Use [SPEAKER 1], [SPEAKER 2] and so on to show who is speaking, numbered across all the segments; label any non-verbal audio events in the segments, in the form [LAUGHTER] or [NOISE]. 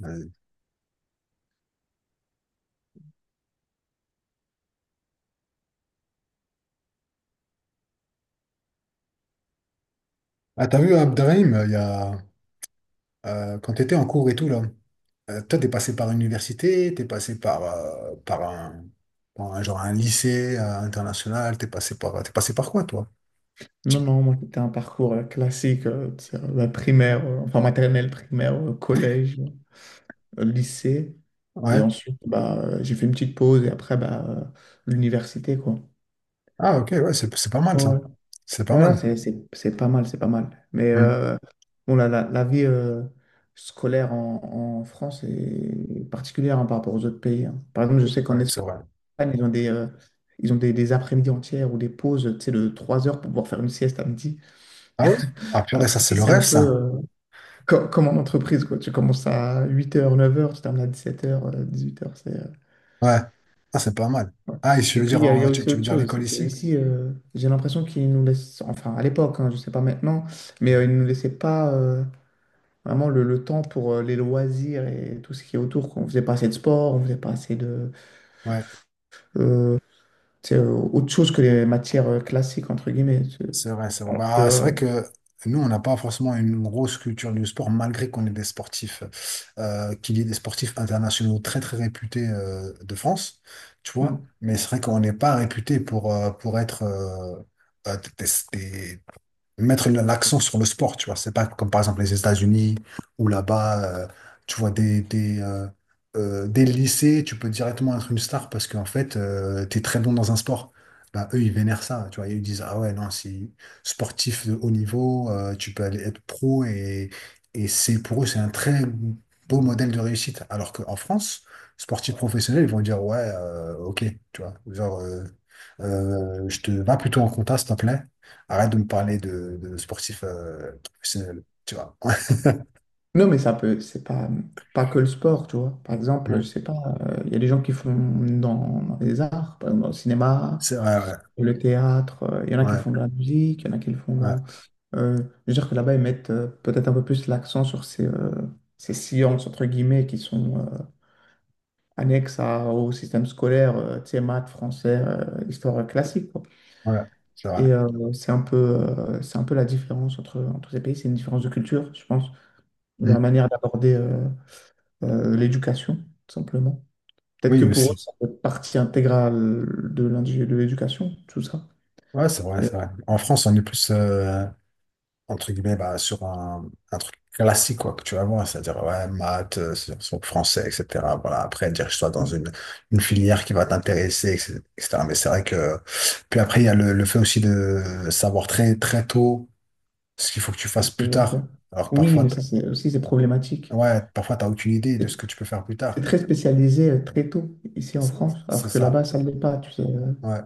[SPEAKER 1] Ouais. Ah, t'as vu Abderrahim, il y a, quand t'étais en cours et tout, là, toi, t'es passé par l'université, t'es passé par, genre un lycée international, t'es passé par quoi, toi?
[SPEAKER 2] Non,
[SPEAKER 1] Tu-
[SPEAKER 2] non, moi, c'était un parcours classique, tu sais, primaire, enfin maternelle, primaire, collège, lycée. Et
[SPEAKER 1] Ouais.
[SPEAKER 2] ensuite, bah, j'ai fait une petite pause et après, bah, l'université, quoi.
[SPEAKER 1] Ah, ok, ouais, c'est pas mal, ça.
[SPEAKER 2] Ouais.
[SPEAKER 1] C'est pas
[SPEAKER 2] Voilà,
[SPEAKER 1] mal.
[SPEAKER 2] c'est pas mal, c'est pas mal. Mais
[SPEAKER 1] Hmm.
[SPEAKER 2] bon, la vie scolaire en France est particulière, hein, par rapport aux autres pays, hein. Par exemple, je sais qu'en
[SPEAKER 1] Ouais, c'est
[SPEAKER 2] Espagne,
[SPEAKER 1] vrai.
[SPEAKER 2] ils ont des, euh, ils ont des après-midi entières ou des pauses, tu sais, de 3 heures pour pouvoir faire une sieste à midi.
[SPEAKER 1] Ah ouais? Ah, purée,
[SPEAKER 2] Alors
[SPEAKER 1] ça, c'est
[SPEAKER 2] ici,
[SPEAKER 1] le
[SPEAKER 2] c'est
[SPEAKER 1] rêve,
[SPEAKER 2] un peu...
[SPEAKER 1] ça.
[SPEAKER 2] euh, Co- comme en entreprise, quoi. Tu commences à 8 heures, 9 heures, tu termines à 17h, 18h.
[SPEAKER 1] Ouais. Ah, c'est pas mal.
[SPEAKER 2] Ouais.
[SPEAKER 1] Ah, et tu
[SPEAKER 2] Et
[SPEAKER 1] veux
[SPEAKER 2] puis,
[SPEAKER 1] dire,
[SPEAKER 2] il y, a il y a aussi
[SPEAKER 1] tu veux
[SPEAKER 2] autre
[SPEAKER 1] dire
[SPEAKER 2] chose,
[SPEAKER 1] l'école
[SPEAKER 2] c'est
[SPEAKER 1] ici?
[SPEAKER 2] qu'ici, j'ai l'impression qu'ils nous laissent, enfin à l'époque, hein, je ne sais pas maintenant, mais
[SPEAKER 1] Hmm.
[SPEAKER 2] ils ne nous laissaient pas vraiment le temps pour les loisirs et tout ce qui est autour, quoi. On ne faisait pas assez de sport, on ne faisait pas assez de...
[SPEAKER 1] Ouais.
[SPEAKER 2] euh, tu sais, euh, autre chose que les matières classiques, entre guillemets.
[SPEAKER 1] C'est vrai, c'est vrai.
[SPEAKER 2] Alors
[SPEAKER 1] Bah, c'est
[SPEAKER 2] que,
[SPEAKER 1] vrai que nous, on n'a pas forcément une grosse culture du sport, malgré qu'on est des sportifs, qu'il y ait des sportifs internationaux très, très réputés de France, tu
[SPEAKER 2] euh,
[SPEAKER 1] vois. Mais c'est vrai qu'on n'est pas réputé pour être euh, des, mettre l'accent sur le sport, tu vois. C'est pas comme par exemple les États-Unis où là-bas, tu vois des lycées, tu peux directement être une star parce qu'en fait, t'es très bon dans un sport. Bah, eux, ils vénèrent ça, tu vois. Ils disent, ah ouais, non, si sportif de haut niveau, tu peux aller être pro et c'est pour eux, c'est un très beau modèle de réussite. Alors qu'en France, sportif professionnel, ils vont dire, ouais, ok, tu vois. Genre, je te va plutôt en compta, s'il te plaît. Arrête de me parler de sportifs professionnels, tu vois. [LAUGHS]
[SPEAKER 2] Non, mais c'est pas que le sport, tu vois. Par exemple, je
[SPEAKER 1] Ouais,
[SPEAKER 2] sais pas, il y a des gens qui font dans les arts, par exemple dans le cinéma,
[SPEAKER 1] c'est vrai, ouais,
[SPEAKER 2] le théâtre, il y en a qui le
[SPEAKER 1] ouais,
[SPEAKER 2] font dans la musique, il y en a qui le font
[SPEAKER 1] ouais,
[SPEAKER 2] dans. Je veux dire que là-bas, ils mettent peut-être un peu plus l'accent sur ces sciences, entre guillemets, qui sont annexes au système scolaire, tu sais, maths, français, histoire classique, quoi.
[SPEAKER 1] ouais, c'est vrai.
[SPEAKER 2] Et c'est un peu la différence entre, entre ces pays, c'est une différence de culture, je pense, dans la
[SPEAKER 1] Mm.
[SPEAKER 2] manière d'aborder l'éducation, tout simplement. Peut-être
[SPEAKER 1] Oui,
[SPEAKER 2] que pour eux,
[SPEAKER 1] aussi.
[SPEAKER 2] ça fait partie intégrale de de l'éducation, tout ça.
[SPEAKER 1] Ouais, c'est vrai,
[SPEAKER 2] Il y a-
[SPEAKER 1] c'est vrai. En France, on est plus, entre guillemets, bah, sur un truc classique, quoi, que tu vas voir, c'est-à-dire, ouais, maths, sur français, etc. Voilà, après, dirige-toi dans
[SPEAKER 2] il y
[SPEAKER 1] une filière qui va t'intéresser, etc. Mais c'est vrai que, puis après, il y a le fait aussi de savoir très, très tôt ce qu'il faut que tu
[SPEAKER 2] a-
[SPEAKER 1] fasses plus tard. Alors, que
[SPEAKER 2] Oui, mais
[SPEAKER 1] parfois,
[SPEAKER 2] ça c'est aussi c'est problématique.
[SPEAKER 1] Ouais, parfois, t'as aucune idée de ce
[SPEAKER 2] C'est
[SPEAKER 1] que tu peux faire plus
[SPEAKER 2] c'est
[SPEAKER 1] tard.
[SPEAKER 2] très spécialisé très tôt ici en
[SPEAKER 1] C'est
[SPEAKER 2] France, alors
[SPEAKER 1] c'est
[SPEAKER 2] que là-bas
[SPEAKER 1] ça.
[SPEAKER 2] ça ne l'est pas, tu sais.
[SPEAKER 1] Ouais.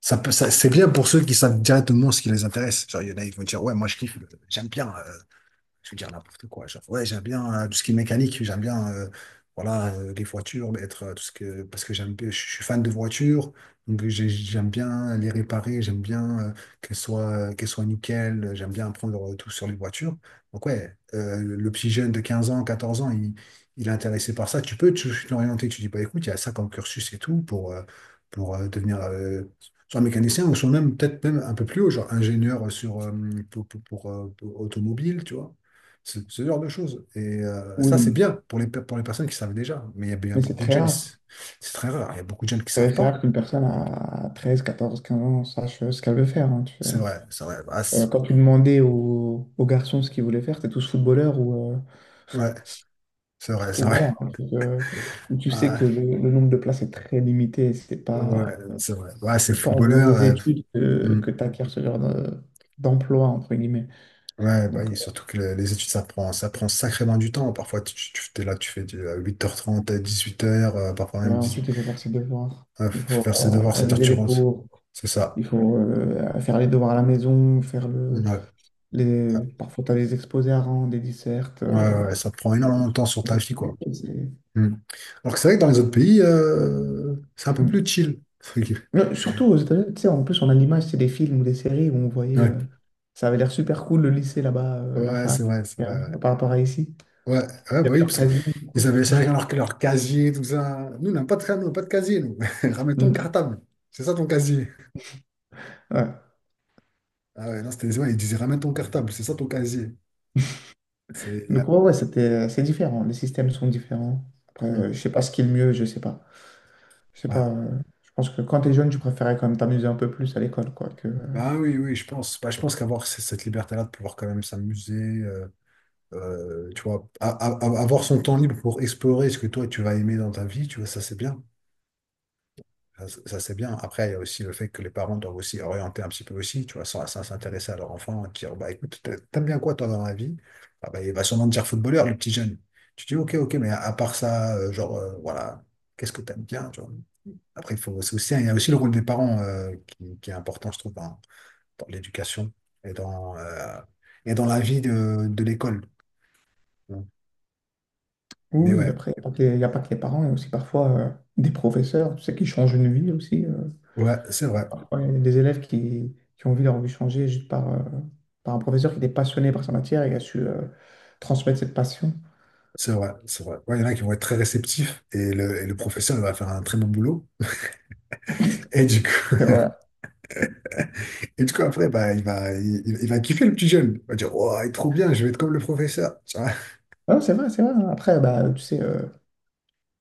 [SPEAKER 1] C'est bien pour ceux qui savent directement ce qui les intéresse. Genre, il y en a, ils vont dire, ouais, moi, je kiffe, j'aime bien. Je veux dire n'importe quoi. Genre, ouais, j'aime bien tout ce qui est mécanique, j'aime bien voilà, les voitures, être, tout ce que, parce que je suis fan de voitures, j'aime bien les réparer, j'aime bien qu'elles soient nickel, j'aime bien apprendre tout sur les voitures. Donc, ouais, le petit jeune de 15 ans, 14 ans, il est intéressé par ça. L'orienter, tu dis, bah écoute, il y a ça comme cursus et tout pour devenir soit mécanicien ou soit même peut-être même un peu plus haut, genre ingénieur sur, pour automobile, tu vois. Ce genre de choses. Et
[SPEAKER 2] Oui,
[SPEAKER 1] ça, c'est
[SPEAKER 2] mais
[SPEAKER 1] bien pour les, pour les personnes qui savent déjà. Mais il y a
[SPEAKER 2] c'est
[SPEAKER 1] beaucoup de
[SPEAKER 2] très
[SPEAKER 1] jeunes,
[SPEAKER 2] rare.
[SPEAKER 1] c'est très rare. Il y a beaucoup de jeunes qui savent
[SPEAKER 2] C'est très rare
[SPEAKER 1] pas.
[SPEAKER 2] qu'une personne à 13, 14, 15 ans sache ce qu'elle veut faire, hein, tu sais.
[SPEAKER 1] C'est vrai, c'est vrai.
[SPEAKER 2] Quand tu demandais aux garçons ce qu'ils voulaient faire, c'était tous footballeurs ou, euh,
[SPEAKER 1] Ouais, c'est vrai, c'est
[SPEAKER 2] Ou
[SPEAKER 1] vrai.
[SPEAKER 2] voilà, un
[SPEAKER 1] [LAUGHS]
[SPEAKER 2] truc, où tu sais que
[SPEAKER 1] Ah,
[SPEAKER 2] le nombre de places est très limité, c'est
[SPEAKER 1] ouais,
[SPEAKER 2] pas,
[SPEAKER 1] c'est vrai. Ouais, c'est
[SPEAKER 2] c'est pas en faisant
[SPEAKER 1] footballeur.
[SPEAKER 2] des études que,
[SPEAKER 1] Hmm.
[SPEAKER 2] que tu acquiers ce genre d'emploi, entre guillemets.
[SPEAKER 1] Ouais, bah,
[SPEAKER 2] Donc,
[SPEAKER 1] oui, surtout que les études, ça prend sacrément du temps. Parfois, t'es là, tu fais du, à 8h30, à 18h, parfois même
[SPEAKER 2] ouais,
[SPEAKER 1] 10,
[SPEAKER 2] ensuite, il faut faire ses devoirs,
[SPEAKER 1] ouais,
[SPEAKER 2] il
[SPEAKER 1] faut
[SPEAKER 2] faut
[SPEAKER 1] faire ses devoirs, 7h,
[SPEAKER 2] réviser
[SPEAKER 1] tu
[SPEAKER 2] les
[SPEAKER 1] rentres.
[SPEAKER 2] cours,
[SPEAKER 1] C'est ça.
[SPEAKER 2] il faut faire les devoirs à la maison, faire le,
[SPEAKER 1] Ouais,
[SPEAKER 2] les, parfois tu as des exposés à rendre, des dissertes.
[SPEAKER 1] ouais, ouais, ça te prend énormément de temps sur ta
[SPEAKER 2] C'est
[SPEAKER 1] vie, quoi.
[SPEAKER 2] compliqué.
[SPEAKER 1] Hmm. Alors que c'est vrai que dans les autres pays, c'est un peu
[SPEAKER 2] Hmm.
[SPEAKER 1] plus chill. [LAUGHS]
[SPEAKER 2] Mais surtout aux États-Unis, tu sais, en plus, on a l'image, c'est des films ou des séries où on voyait,
[SPEAKER 1] Ouais,
[SPEAKER 2] ça avait l'air super cool le lycée là-bas, la
[SPEAKER 1] ouais, c'est
[SPEAKER 2] fac,
[SPEAKER 1] vrai, c'est
[SPEAKER 2] euh,
[SPEAKER 1] vrai.
[SPEAKER 2] par rapport à ici.
[SPEAKER 1] Ouais, ouais, ouais,
[SPEAKER 2] Il y
[SPEAKER 1] bah
[SPEAKER 2] avait
[SPEAKER 1] oui,
[SPEAKER 2] leur
[SPEAKER 1] parce que
[SPEAKER 2] casier.
[SPEAKER 1] ils avaient chacun leur casier, tout ça. Nous, on n'a pas de, nous, on n'a pas de casier, nous. [LAUGHS] Ramène ton
[SPEAKER 2] Mm.
[SPEAKER 1] cartable. C'est ça ton casier.
[SPEAKER 2] Ouais.
[SPEAKER 1] Ah ouais, non, c'était, ouais, ils disaient ramène ton cartable, c'est ça ton casier. C'est, y a-
[SPEAKER 2] Donc, ouais, ouais, c'est différent. Les systèmes sont différents. Après,
[SPEAKER 1] Hmm.
[SPEAKER 2] je sais pas ce qui est le mieux, je sais pas. Je sais
[SPEAKER 1] Ouais.
[SPEAKER 2] pas. Je pense que quand t'es jeune, tu préférais quand même t'amuser un peu plus à l'école, quoi.
[SPEAKER 1] Bah oui, oui, je pense. Bah, je pense qu'avoir cette liberté-là de pouvoir quand même s'amuser, euh, tu vois, avoir son temps libre pour explorer ce que toi tu vas aimer dans ta vie, tu vois, ça c'est bien. Ça, c'est bien. Après, il y a aussi le fait que les parents doivent aussi orienter un petit peu aussi, tu vois, sans, sans s'intéresser à leur enfant, dire, bah écoute, t'aimes bien quoi toi dans la vie? Ah, bah, il va sûrement te dire footballeur, le petit jeune. Tu dis, ok, ok, mais à part ça, genre, voilà, qu'est-ce que t'aimes bien, tu vois? Après, il faut, c'est aussi, il y a aussi le rôle des parents qui est important, je trouve, dans, dans l'éducation et dans, euh, et dans la vie de l'école. Mais
[SPEAKER 2] Oui, oui,
[SPEAKER 1] ouais,
[SPEAKER 2] après, il n'y a pas que les y a pas que les parents, il y a aussi parfois des professeurs, tu sais, qui changent une vie aussi.
[SPEAKER 1] ouais, c'est vrai,
[SPEAKER 2] Parfois, il y a des élèves qui ont vu leur vie changer juste par un professeur qui était passionné par sa matière et qui a su transmettre cette passion.
[SPEAKER 1] c'est vrai, c'est vrai. Ouais, il y en a qui vont être très réceptifs et le professeur il va faire un très bon boulot. Et du coup,
[SPEAKER 2] [LAUGHS] C'est vrai.
[SPEAKER 1] [LAUGHS] et du coup après, bah, il va kiffer le petit jeune. Il va dire, oh, il est trop bien, je vais être comme le professeur. Tu vois.
[SPEAKER 2] Non, c'est vrai, c'est vrai. Après, bah, tu sais,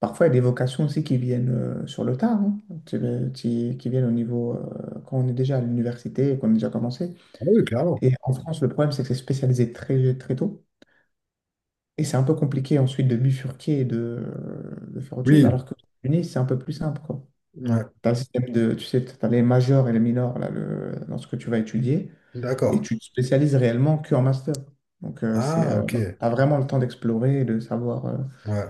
[SPEAKER 2] parfois, il y a des vocations aussi qui viennent sur le tard, hein, qui viennent au niveau, quand on est déjà à l'université et qu'on a déjà commencé.
[SPEAKER 1] Ah oui, clairement.
[SPEAKER 2] Et en France, le problème, c'est que c'est spécialisé très, très tôt. Et c'est un peu compliqué ensuite de bifurquer et de faire autre chose,
[SPEAKER 1] Oui,
[SPEAKER 2] alors que aux États-Unis, c'est un peu plus simple, quoi.
[SPEAKER 1] ouais,
[SPEAKER 2] T'as le système de, tu sais, t'as les majors et les minors là, dans ce que tu vas étudier, et
[SPEAKER 1] d'accord.
[SPEAKER 2] tu te spécialises réellement que en master. Donc,
[SPEAKER 1] Ah, ok.
[SPEAKER 2] t'as vraiment le temps d'explorer et de savoir
[SPEAKER 1] Ouais,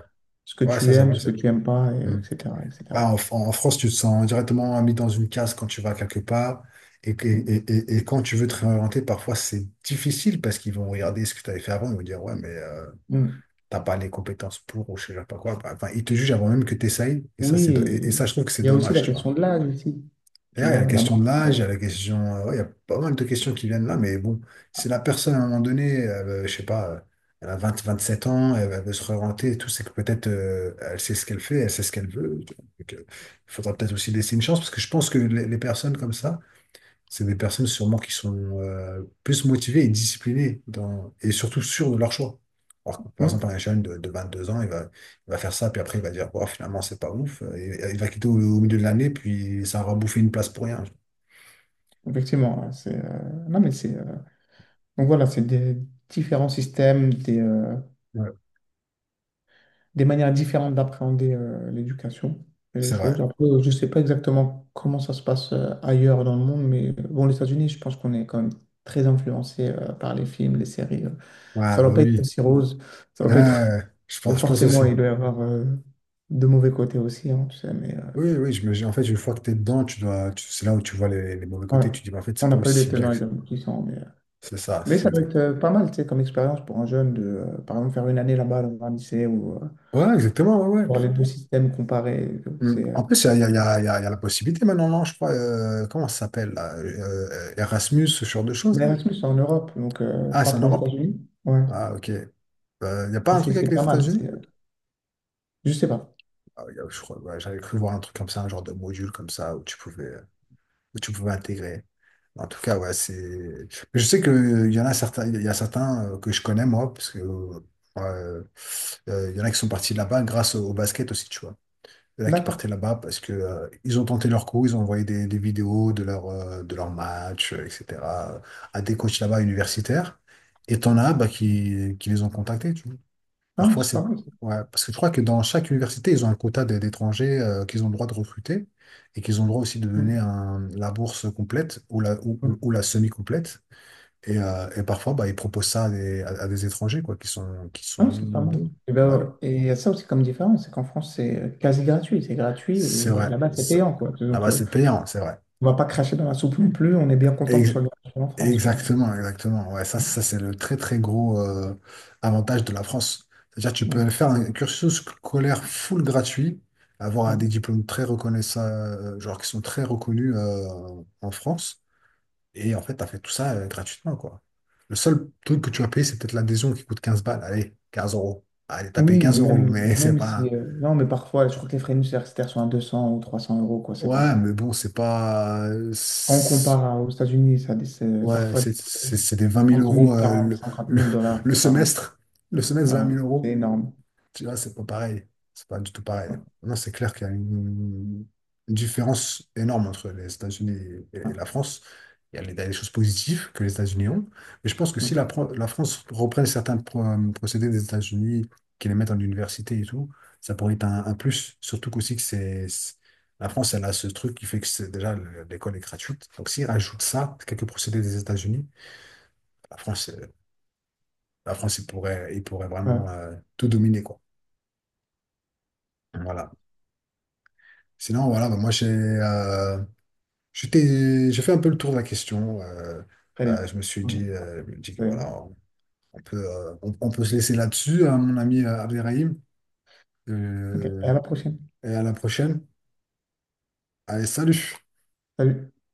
[SPEAKER 2] ce que
[SPEAKER 1] ouais, ça,
[SPEAKER 2] tu aimes,
[SPEAKER 1] j'avoue,
[SPEAKER 2] ce
[SPEAKER 1] ça.
[SPEAKER 2] que tu aimes pas, et
[SPEAKER 1] Hmm.
[SPEAKER 2] etc.,
[SPEAKER 1] Ouais,
[SPEAKER 2] etc.
[SPEAKER 1] en France, tu te sens directement mis dans une case quand tu vas quelque part. Et quand tu veux te réorienter, parfois, c'est difficile parce qu'ils vont regarder ce que tu avais fait avant. Ils vont dire, ouais, mais
[SPEAKER 2] Mm.
[SPEAKER 1] t'as pas les compétences pour ou je sais pas quoi. Enfin, ils te jugent avant même que tu essayes.
[SPEAKER 2] Oui,
[SPEAKER 1] Et
[SPEAKER 2] et
[SPEAKER 1] ça, je trouve que c'est
[SPEAKER 2] il y a aussi
[SPEAKER 1] dommage,
[SPEAKER 2] la
[SPEAKER 1] tu vois.
[SPEAKER 2] question de l'âge ici. Tu
[SPEAKER 1] D'ailleurs, il y a la
[SPEAKER 2] vois, là-bas.
[SPEAKER 1] question de l'âge,
[SPEAKER 2] euh,
[SPEAKER 1] il y a la question, ouais, il y a pas mal de questions qui viennent là, mais bon, si la personne à un moment donné, elle, je sais pas, elle a 27 ans, elle, elle veut se réorienter et tout, c'est que peut-être elle sait ce qu'elle fait, elle sait ce qu'elle veut. Tu vois. Donc, il faudra peut-être aussi laisser une chance, parce que je pense que les personnes comme ça, c'est des personnes sûrement qui sont plus motivées et disciplinées dans, et surtout sûres de leur choix. Alors que, par exemple,
[SPEAKER 2] hein,
[SPEAKER 1] un jeune de 2 ans, il va faire ça, puis après, il va dire, bon, finalement, c'est pas ouf. Il va quitter au, au milieu de l'année, puis ça aura bouffé une place pour rien.
[SPEAKER 2] effectivement, hein, c'est. Non, mais c'est. Donc voilà, c'est des différents systèmes, des euh,
[SPEAKER 1] Ouais,
[SPEAKER 2] des manières différentes d'appréhender l'éducation et les
[SPEAKER 1] c'est vrai.
[SPEAKER 2] choses. Après, je ne sais pas exactement comment ça se passe ailleurs dans le monde, mais bon, les États-Unis, je pense qu'on est quand même très influencé par les films, les séries.
[SPEAKER 1] Ouais,
[SPEAKER 2] Ça ne
[SPEAKER 1] bah
[SPEAKER 2] doit pas être
[SPEAKER 1] oui.
[SPEAKER 2] aussi rose, ça ne doit
[SPEAKER 1] Ouais, ouais,
[SPEAKER 2] pas être. [LAUGHS]
[SPEAKER 1] ouais. Je
[SPEAKER 2] Et
[SPEAKER 1] pense, je pense
[SPEAKER 2] forcément,
[SPEAKER 1] aussi.
[SPEAKER 2] il doit y avoir de mauvais côtés aussi, hein, tu sais, mais
[SPEAKER 1] Oui, oui, en fait, une fois que tu es dedans, c'est là où tu vois les mauvais
[SPEAKER 2] ouais.
[SPEAKER 1] côtés, tu te dis, mais en fait,
[SPEAKER 2] On
[SPEAKER 1] c'est pas
[SPEAKER 2] n'a pas eu les
[SPEAKER 1] aussi bien
[SPEAKER 2] tenants
[SPEAKER 1] que
[SPEAKER 2] et
[SPEAKER 1] ça.
[SPEAKER 2] les aboutissants, mais, euh,
[SPEAKER 1] C'est ça,
[SPEAKER 2] mais
[SPEAKER 1] c'est
[SPEAKER 2] ça doit
[SPEAKER 1] exact.
[SPEAKER 2] être pas mal, tu sais, comme expérience pour un jeune de, par exemple, faire une année là-bas dans un lycée ou
[SPEAKER 1] Ouais, exactement, ouais, ouais.
[SPEAKER 2] voir les deux systèmes comparés.
[SPEAKER 1] Hum.
[SPEAKER 2] C'est euh,
[SPEAKER 1] En plus, il y a, il y a- il y a- il y a- il y a la possibilité maintenant, non, je crois, comment ça s'appelle, là, Erasmus, ce genre de choses,
[SPEAKER 2] Mais
[SPEAKER 1] là?
[SPEAKER 2] Erasmus, c'est en Europe, donc
[SPEAKER 1] Ah,
[SPEAKER 2] pas
[SPEAKER 1] c'est en
[SPEAKER 2] pour les
[SPEAKER 1] Europe.
[SPEAKER 2] États-Unis. Ouais,
[SPEAKER 1] Ah, ok. Il n'y a pas un
[SPEAKER 2] c'est
[SPEAKER 1] truc avec
[SPEAKER 2] c'est
[SPEAKER 1] les
[SPEAKER 2] pas mal.
[SPEAKER 1] États-Unis?
[SPEAKER 2] Je sais pas.
[SPEAKER 1] Je crois, ouais, j'avais cru voir un truc comme ça, un genre de module comme ça, où tu pouvais. Que tu pouvais intégrer. En tout cas, ouais, c'est. Je sais qu'il y en a certains, il y a certains que je connais moi, parce que il y en a qui sont partis de là-bas grâce au, au basket aussi, tu vois. Il y en a qui
[SPEAKER 2] D'accord.
[SPEAKER 1] partaient là-bas parce que ils ont tenté leur coup, ils ont envoyé des vidéos de leur match, etc. à des coachs là-bas universitaires. Et t'en as bah, qui les ont contactés, tu vois.
[SPEAKER 2] Ah,
[SPEAKER 1] Parfois,
[SPEAKER 2] c'est
[SPEAKER 1] c'est...
[SPEAKER 2] pas mal.
[SPEAKER 1] Ouais, parce que je crois que dans chaque université, ils ont un quota d'étrangers qu'ils ont le droit de recruter et qu'ils ont le droit aussi de donner
[SPEAKER 2] Mm.
[SPEAKER 1] la bourse complète ou la, ou,
[SPEAKER 2] Mm.
[SPEAKER 1] ou la semi-complète. Et parfois, bah, ils proposent ça à des, à des étrangers quoi, qui
[SPEAKER 2] Ah,
[SPEAKER 1] sont
[SPEAKER 2] c'est pas mal.
[SPEAKER 1] bons.
[SPEAKER 2] Et,
[SPEAKER 1] Ouais,
[SPEAKER 2] ben, ouais.
[SPEAKER 1] oui.
[SPEAKER 2] Et il y a ça aussi comme différence, c'est qu'en France, c'est quasi gratuit. C'est gratuit
[SPEAKER 1] C'est
[SPEAKER 2] et
[SPEAKER 1] vrai.
[SPEAKER 2] là-bas, c'est payant, quoi. Donc,
[SPEAKER 1] Là-bas, c'est payant, c'est vrai.
[SPEAKER 2] on va pas cracher dans la soupe non plus. On est bien content que ce soit gratuit en France, quoi.
[SPEAKER 1] Exactement, exactement. Ouais, ça c'est le très très gros avantage de la France. C'est-à-dire que tu
[SPEAKER 2] Mm.
[SPEAKER 1] peux faire un cursus scolaire full gratuit, avoir des
[SPEAKER 2] Mm.
[SPEAKER 1] diplômes très reconnaissables, genre qui sont très reconnus en France, et en fait, tu as fait tout ça gratuitement, quoi. Le seul truc que tu vas payer, c'est peut-être l'adhésion qui coûte 15 balles. Allez, 15 euros. Allez, t'as payé
[SPEAKER 2] Oui, mais
[SPEAKER 1] 15 euros,
[SPEAKER 2] même,
[SPEAKER 1] mais [LAUGHS] c'est
[SPEAKER 2] même si...
[SPEAKER 1] pas.
[SPEAKER 2] Non, mais parfois, je crois que les frais universitaires sont à 200 ou 300 euros, quoi. C'est
[SPEAKER 1] Ouais,
[SPEAKER 2] pas.
[SPEAKER 1] mais bon, c'est pas.
[SPEAKER 2] Quand on compare aux États-Unis, ça, c'est
[SPEAKER 1] Ouais,
[SPEAKER 2] parfois des
[SPEAKER 1] c'est des vingt mille
[SPEAKER 2] 30
[SPEAKER 1] euros
[SPEAKER 2] 000, 40, 50
[SPEAKER 1] le,
[SPEAKER 2] mille dollars
[SPEAKER 1] le
[SPEAKER 2] par an.
[SPEAKER 1] semestre. Le semestre, vingt mille
[SPEAKER 2] Voilà. C'est
[SPEAKER 1] euros.
[SPEAKER 2] énorme.
[SPEAKER 1] Tu vois, c'est pas pareil. C'est pas du tout pareil.
[SPEAKER 2] Ouais.
[SPEAKER 1] Non, c'est clair qu'il y a une différence énorme entre les États-Unis
[SPEAKER 2] Ouais.
[SPEAKER 1] et la France. Il y a il y a des choses positives que les États-Unis ont. Mais je pense que
[SPEAKER 2] Ouais.
[SPEAKER 1] si la France reprenne certains procédés des États-Unis, qui les mettent en université et tout, ça pourrait être un plus. Surtout qu'aussi que c'est- La France, elle a ce truc qui fait que c'est déjà l'école est gratuite. Donc s'ils rajoutent ça, quelques procédés des États-Unis, la France, euh, la France, il pourrait vraiment
[SPEAKER 2] Ouais.
[SPEAKER 1] tout dominer, quoi. Voilà. Sinon, voilà, bah, moi j'ai j'ai fait un peu le tour de la question.
[SPEAKER 2] Très bien.
[SPEAKER 1] Je me suis
[SPEAKER 2] Ok.
[SPEAKER 1] dit, je me dis que voilà,
[SPEAKER 2] C'est-
[SPEAKER 1] on peut se laisser là-dessus, hein, mon ami Abderrahim.
[SPEAKER 2] ok. Et
[SPEAKER 1] Euh,
[SPEAKER 2] à la prochaine.
[SPEAKER 1] et à la prochaine. Allez, salut!
[SPEAKER 2] Salut.